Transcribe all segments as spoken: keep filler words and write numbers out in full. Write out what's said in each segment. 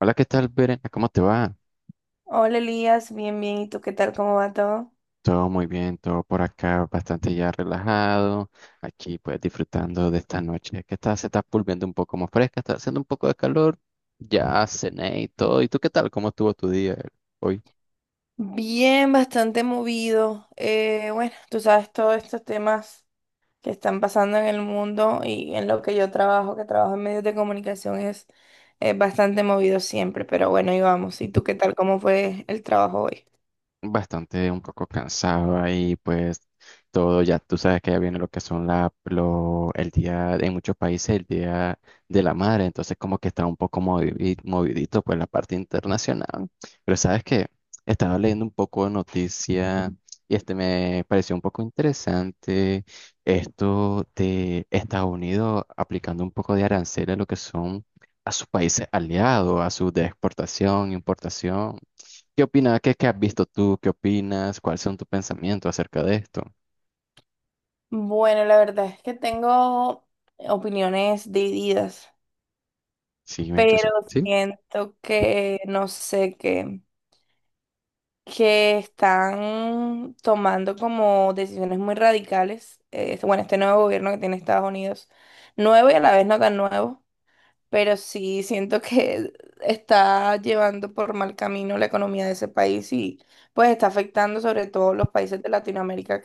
Hola, ¿qué tal, Verena? ¿Cómo te va? Hola Elías, bien, bien. ¿Y tú qué tal? ¿Cómo va todo? Todo muy bien, todo por acá, bastante ya relajado. Aquí, pues, disfrutando de esta noche que está, se está volviendo un poco más fresca, está haciendo un poco de calor. Ya cené y todo. ¿Y tú qué tal? ¿Cómo estuvo tu día hoy? Bien, bastante movido. Eh, bueno, tú sabes todos estos temas que están pasando en el mundo y en lo que yo trabajo, que trabajo en medios de comunicación, es, es bastante movido siempre. Pero bueno, y vamos. ¿Y tú qué tal? ¿Cómo fue el trabajo hoy? Bastante un poco cansado ahí, pues todo ya, tú sabes que ya viene lo que son la, lo, el día, en muchos países el día de la madre, entonces como que está un poco movi- movidito pues la parte internacional, pero sabes que estaba leyendo un poco de noticia y este me pareció un poco interesante esto de Estados Unidos aplicando un poco de aranceles a lo que son a sus países aliados, a sus de exportación, importación. ¿Qué opinas? ¿Qué, qué has visto tú? ¿Qué opinas? ¿Cuáles son tus pensamientos acerca de esto? Bueno, la verdad es que tengo opiniones divididas, Sí, pero entonces, sí. siento que no sé qué. Que están tomando como decisiones muy radicales. Eh, bueno, este nuevo gobierno que tiene Estados Unidos, nuevo y a la vez no tan nuevo, pero sí siento que está llevando por mal camino la economía de ese país y pues está afectando sobre todo los países de Latinoamérica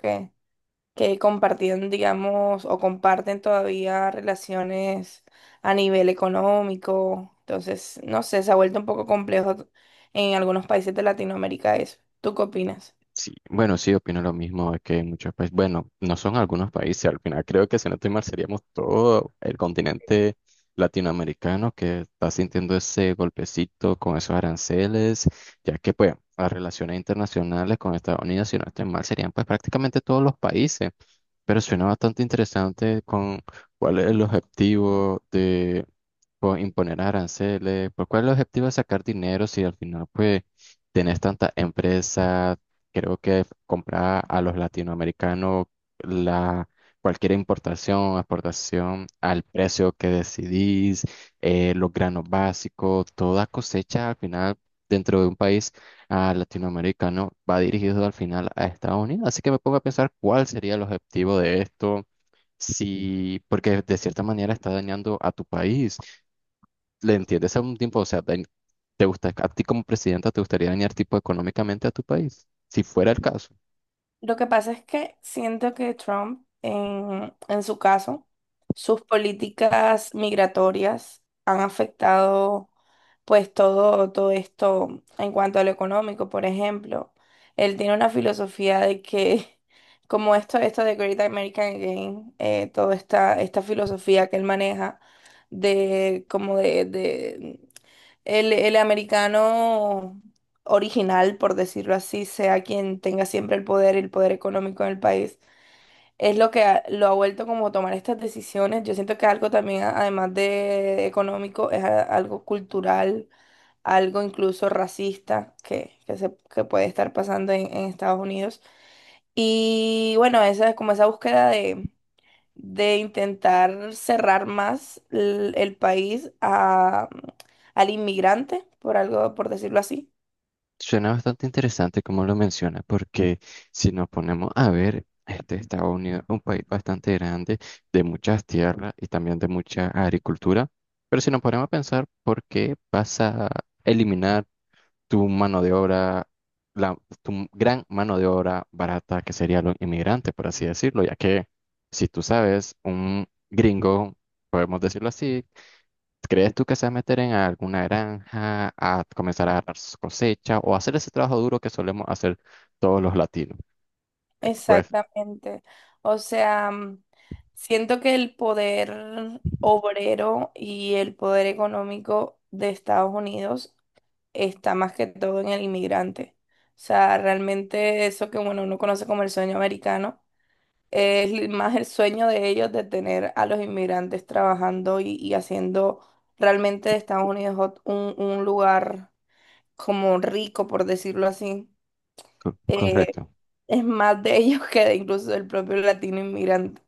que compartían, digamos, o comparten todavía relaciones a nivel económico. Entonces, no sé, se ha vuelto un poco complejo en algunos países de Latinoamérica eso. ¿Tú qué opinas? Sí, bueno, sí, opino lo mismo, es que en muchos países, bueno, no son algunos países, al final creo que si no estoy mal seríamos todo el continente latinoamericano que está sintiendo ese golpecito con esos aranceles, ya que pues las relaciones internacionales con Estados Unidos, si no estoy mal, serían pues prácticamente todos los países, pero suena bastante interesante con cuál es el objetivo de pues, imponer aranceles, pues, cuál es el objetivo de sacar dinero si al final pues tenés tantas empresas, creo que comprar a los latinoamericanos la, cualquier importación, exportación al precio que decidís, eh, los granos básicos, toda cosecha al final dentro de un país ah, latinoamericano va dirigido al final a Estados Unidos. Así que me pongo a pensar cuál sería el objetivo de esto. Si, porque de cierta manera está dañando a tu país. ¿Le entiendes a un tiempo? O sea, dañ- ¿te gusta, a ti como presidenta, te gustaría dañar tipo económicamente a tu país? Si fuera el caso. Lo que pasa es que siento que Trump, en, en su caso, sus políticas migratorias han afectado pues todo, todo esto en cuanto a lo económico, por ejemplo. Él tiene una filosofía de que, como esto, esto de Great American Game, eh, toda esta, esta filosofía que él maneja de como de, el, el americano original, por decirlo así, sea quien tenga siempre el poder, el poder económico en el país, es lo que ha- lo ha vuelto como a tomar estas decisiones. Yo siento que algo también, a- además de económico, es a- algo cultural, algo incluso racista que, que, se, que puede estar pasando en, en Estados Unidos. Y bueno, esa es como esa búsqueda de intentar cerrar más l- el, país a, al inmigrante, por algo, por decirlo así. Suena bastante interesante como lo menciona, porque si nos ponemos a ver, este Estados Unidos es un país bastante grande, de muchas tierras y también de mucha agricultura, pero si nos ponemos a pensar, ¿por qué vas a eliminar tu mano de obra, la, tu gran mano de obra barata, que sería los inmigrantes, por así decirlo? Ya que, si tú sabes, un gringo, podemos decirlo así, ¿crees tú que se va a meter en alguna granja a comenzar a agarrar su cosecha o hacer ese trabajo duro que solemos hacer todos los latinos? Pues, Exactamente. O sea, mm, siento que el poder obrero y el poder económico de Estados Unidos está más que todo en el inmigrante. O sea, realmente eso que bueno, uno conoce como el sueño americano. Es li- más el sueño de ellos de tener a los inmigrantes trabajando y, y haciendo realmente de Estados Unidos ot- un, un lugar como rico, por decirlo así. co- Eh, correcto. es más de ellos que de incluso del propio latino inmigrante.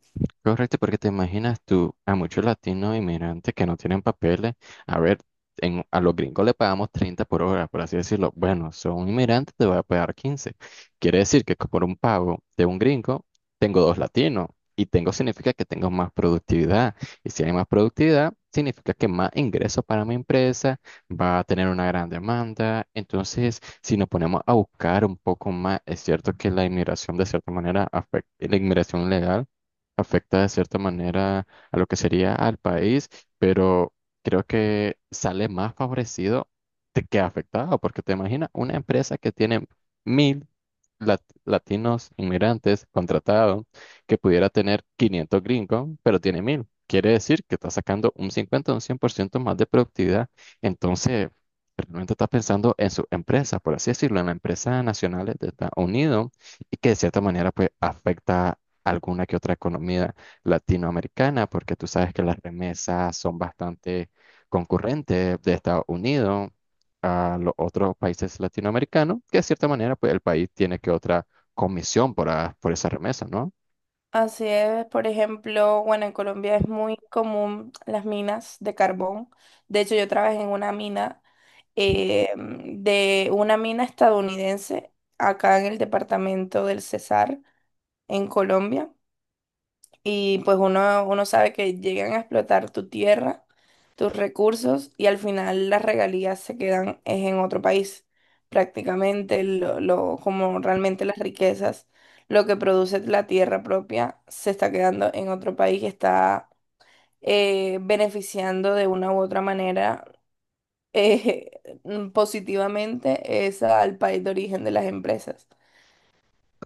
Correcto, porque te imaginas tú a muchos latinos inmigrantes que no tienen papeles. A ver, en, a los gringos le pagamos treinta por hora, por así decirlo. Bueno, son inmigrantes, te voy a pagar quince. Quiere decir que por un pago de un gringo, tengo dos latinos. Y tengo significa que tengo más productividad. Y si hay más productividad, significa que más ingresos para mi empresa, va a tener una gran demanda. Entonces, si nos ponemos a buscar un poco más, es cierto que la inmigración de cierta manera afecta, la inmigración legal afecta de cierta manera a lo que sería al país, pero creo que sale más favorecido de que afectado, porque te imaginas una empresa que tiene mil lat- latinos inmigrantes contratados, que pudiera tener quinientos gringos, pero tiene mil. Quiere decir que está sacando un cincuenta o un cien por ciento más de productividad. Entonces, realmente está pensando en su empresa, por así decirlo, en la empresa nacional de Estados Unidos y que de cierta manera pues afecta alguna que otra economía latinoamericana, porque tú sabes que las remesas son bastante concurrentes de Estados Unidos a los otros países latinoamericanos, que de cierta manera pues el país tiene que otra comisión por, a- por esa remesa, ¿no? Así es, por ejemplo, bueno, en Colombia es muy común las minas de carbón. De hecho, yo trabajé en una mina, eh, de una mina estadounidense acá en el departamento del Cesar, en Colombia. Y pues uno, uno sabe que llegan a explotar tu tierra, tus recursos y al final las regalías se quedan es en otro país. Prácticamente lo, lo- como realmente las riquezas, lo que produce la tierra propia se está quedando en otro país y está eh, beneficiando de una u otra manera eh, positivamente es al país de origen de las empresas.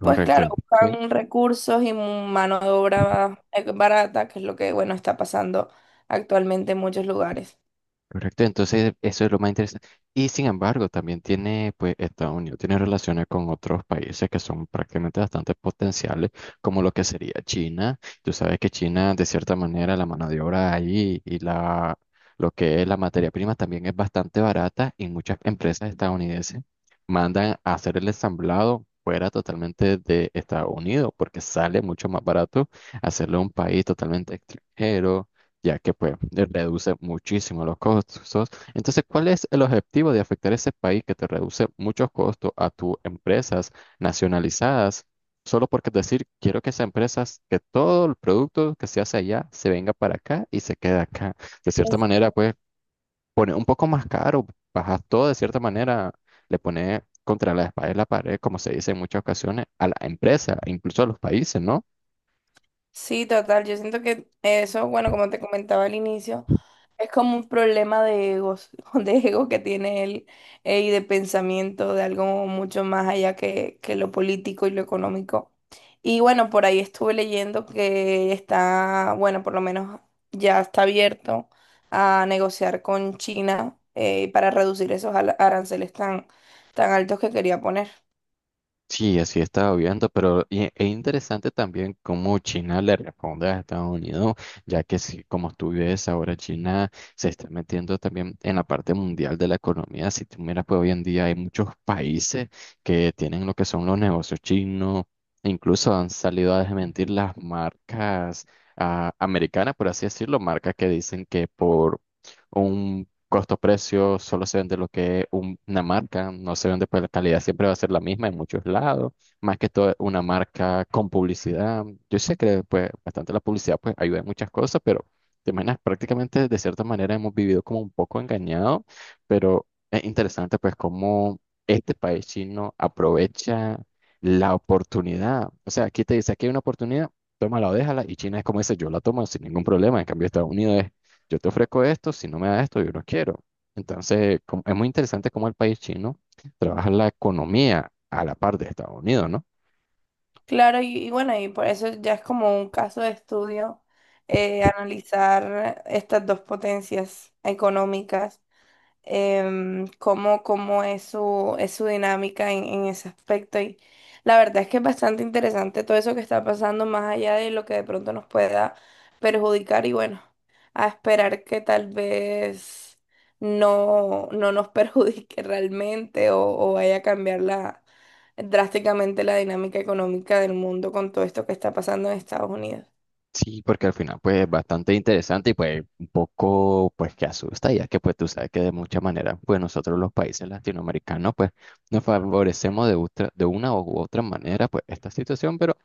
Pues claro, Sí. buscan recursos y mano de obra eh, barata, que es lo que, bueno, está pasando actualmente en muchos lugares. Correcto, entonces eso es lo más interesante. Y sin embargo, también tiene, pues, Estados Unidos tiene relaciones con otros países que son prácticamente bastante potenciales, como lo que sería China. Tú sabes que China, de cierta manera, la mano de obra ahí y la, lo que es la materia prima también es bastante barata y muchas empresas estadounidenses mandan a hacer el ensamblado fuera totalmente de Estados Unidos, porque sale mucho más barato hacerlo en un país totalmente extranjero, ya que pues eh, reduce muchísimo los costos. Entonces, ¿cuál es el objetivo de afectar ese país que te reduce muchos costos a tus empresas nacionalizadas? Solo porque decir, quiero que esas empresas, que todo el producto que se hace allá se venga para acá y se quede acá. De cierta Es- manera, pues pone un poco más caro, bajas todo de cierta manera, le pone contra la espalda y la pared, como se dice en muchas ocasiones, a la empresa, incluso a los países, ¿no? Sí, total, yo siento que eso, bueno, como te comentaba al inicio. Es como un problema de egos, de ego que tiene él eh, y de pensamiento de algo mucho más allá que, que lo político y lo económico. Y bueno, por ahí estuve leyendo que está, bueno, por lo menos ya está abierto a negociar con China eh, para reducir esos ala- aranceles tan, tan altos que quería poner. Sí, así estaba viendo, pero y- es interesante también cómo China le responde a Estados Unidos, ya que si, como tú ves, ahora China se está metiendo también en la parte mundial de la economía. Si tú miras, pues hoy en día hay muchos países que tienen lo que son los negocios chinos, e incluso han salido a desmentir las marcas ah, americanas, por así decirlo, marcas que dicen que por un costo-precio, solo se vende lo que es un- una marca, no se vende pues la calidad, siempre va a ser la misma en muchos lados, más que todo una marca con publicidad. Yo sé que pues bastante la publicidad pues ayuda en muchas cosas, pero te imaginas prácticamente de cierta manera hemos vivido como un poco engañados, pero es interesante pues cómo este país chino aprovecha la oportunidad. O sea, aquí te dice, aquí hay una oportunidad, tómala o déjala, y China es como dice, yo la tomo sin ningún problema, en cambio Estados Unidos es yo te ofrezco esto, si no me das esto, yo no quiero. Entonces, como- es muy interesante cómo el país chino trabaja la economía a la par de Estados Unidos, ¿no? Claro, y, y bueno, y por eso ya es como un caso de estudio eh, analizar estas dos potencias económicas em, cómo, cómo es su, es su dinámica en, en ese aspecto. Y la verdad es que es bastante interesante todo eso que está pasando, más allá de lo que de pronto nos pueda perjudicar. Y bueno, a esperar que tal vez no, no nos perjudique realmente o, o vaya a cambiar la, drásticamente la dinámica económica del mundo con todo esto que está pasando en Estados Unidos. Sí, porque al final, pues, es bastante interesante y, pues, un poco, pues, que asusta, ya que, pues, tú sabes que de muchas maneras, pues, nosotros los países latinoamericanos, pues, nos favorecemos de, otra- de una u otra manera, pues, esta situación, pero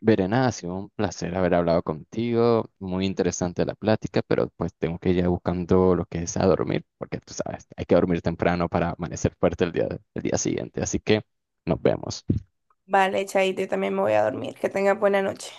Verena, ha sido un placer haber hablado contigo, muy interesante la plática, pero pues tengo que ir ya buscando lo que es a dormir, porque tú sabes, hay que dormir temprano para amanecer fuerte el día, el día siguiente, así que nos vemos. Vale, Chaito, yo también me voy a dormir. Que tenga buena noche.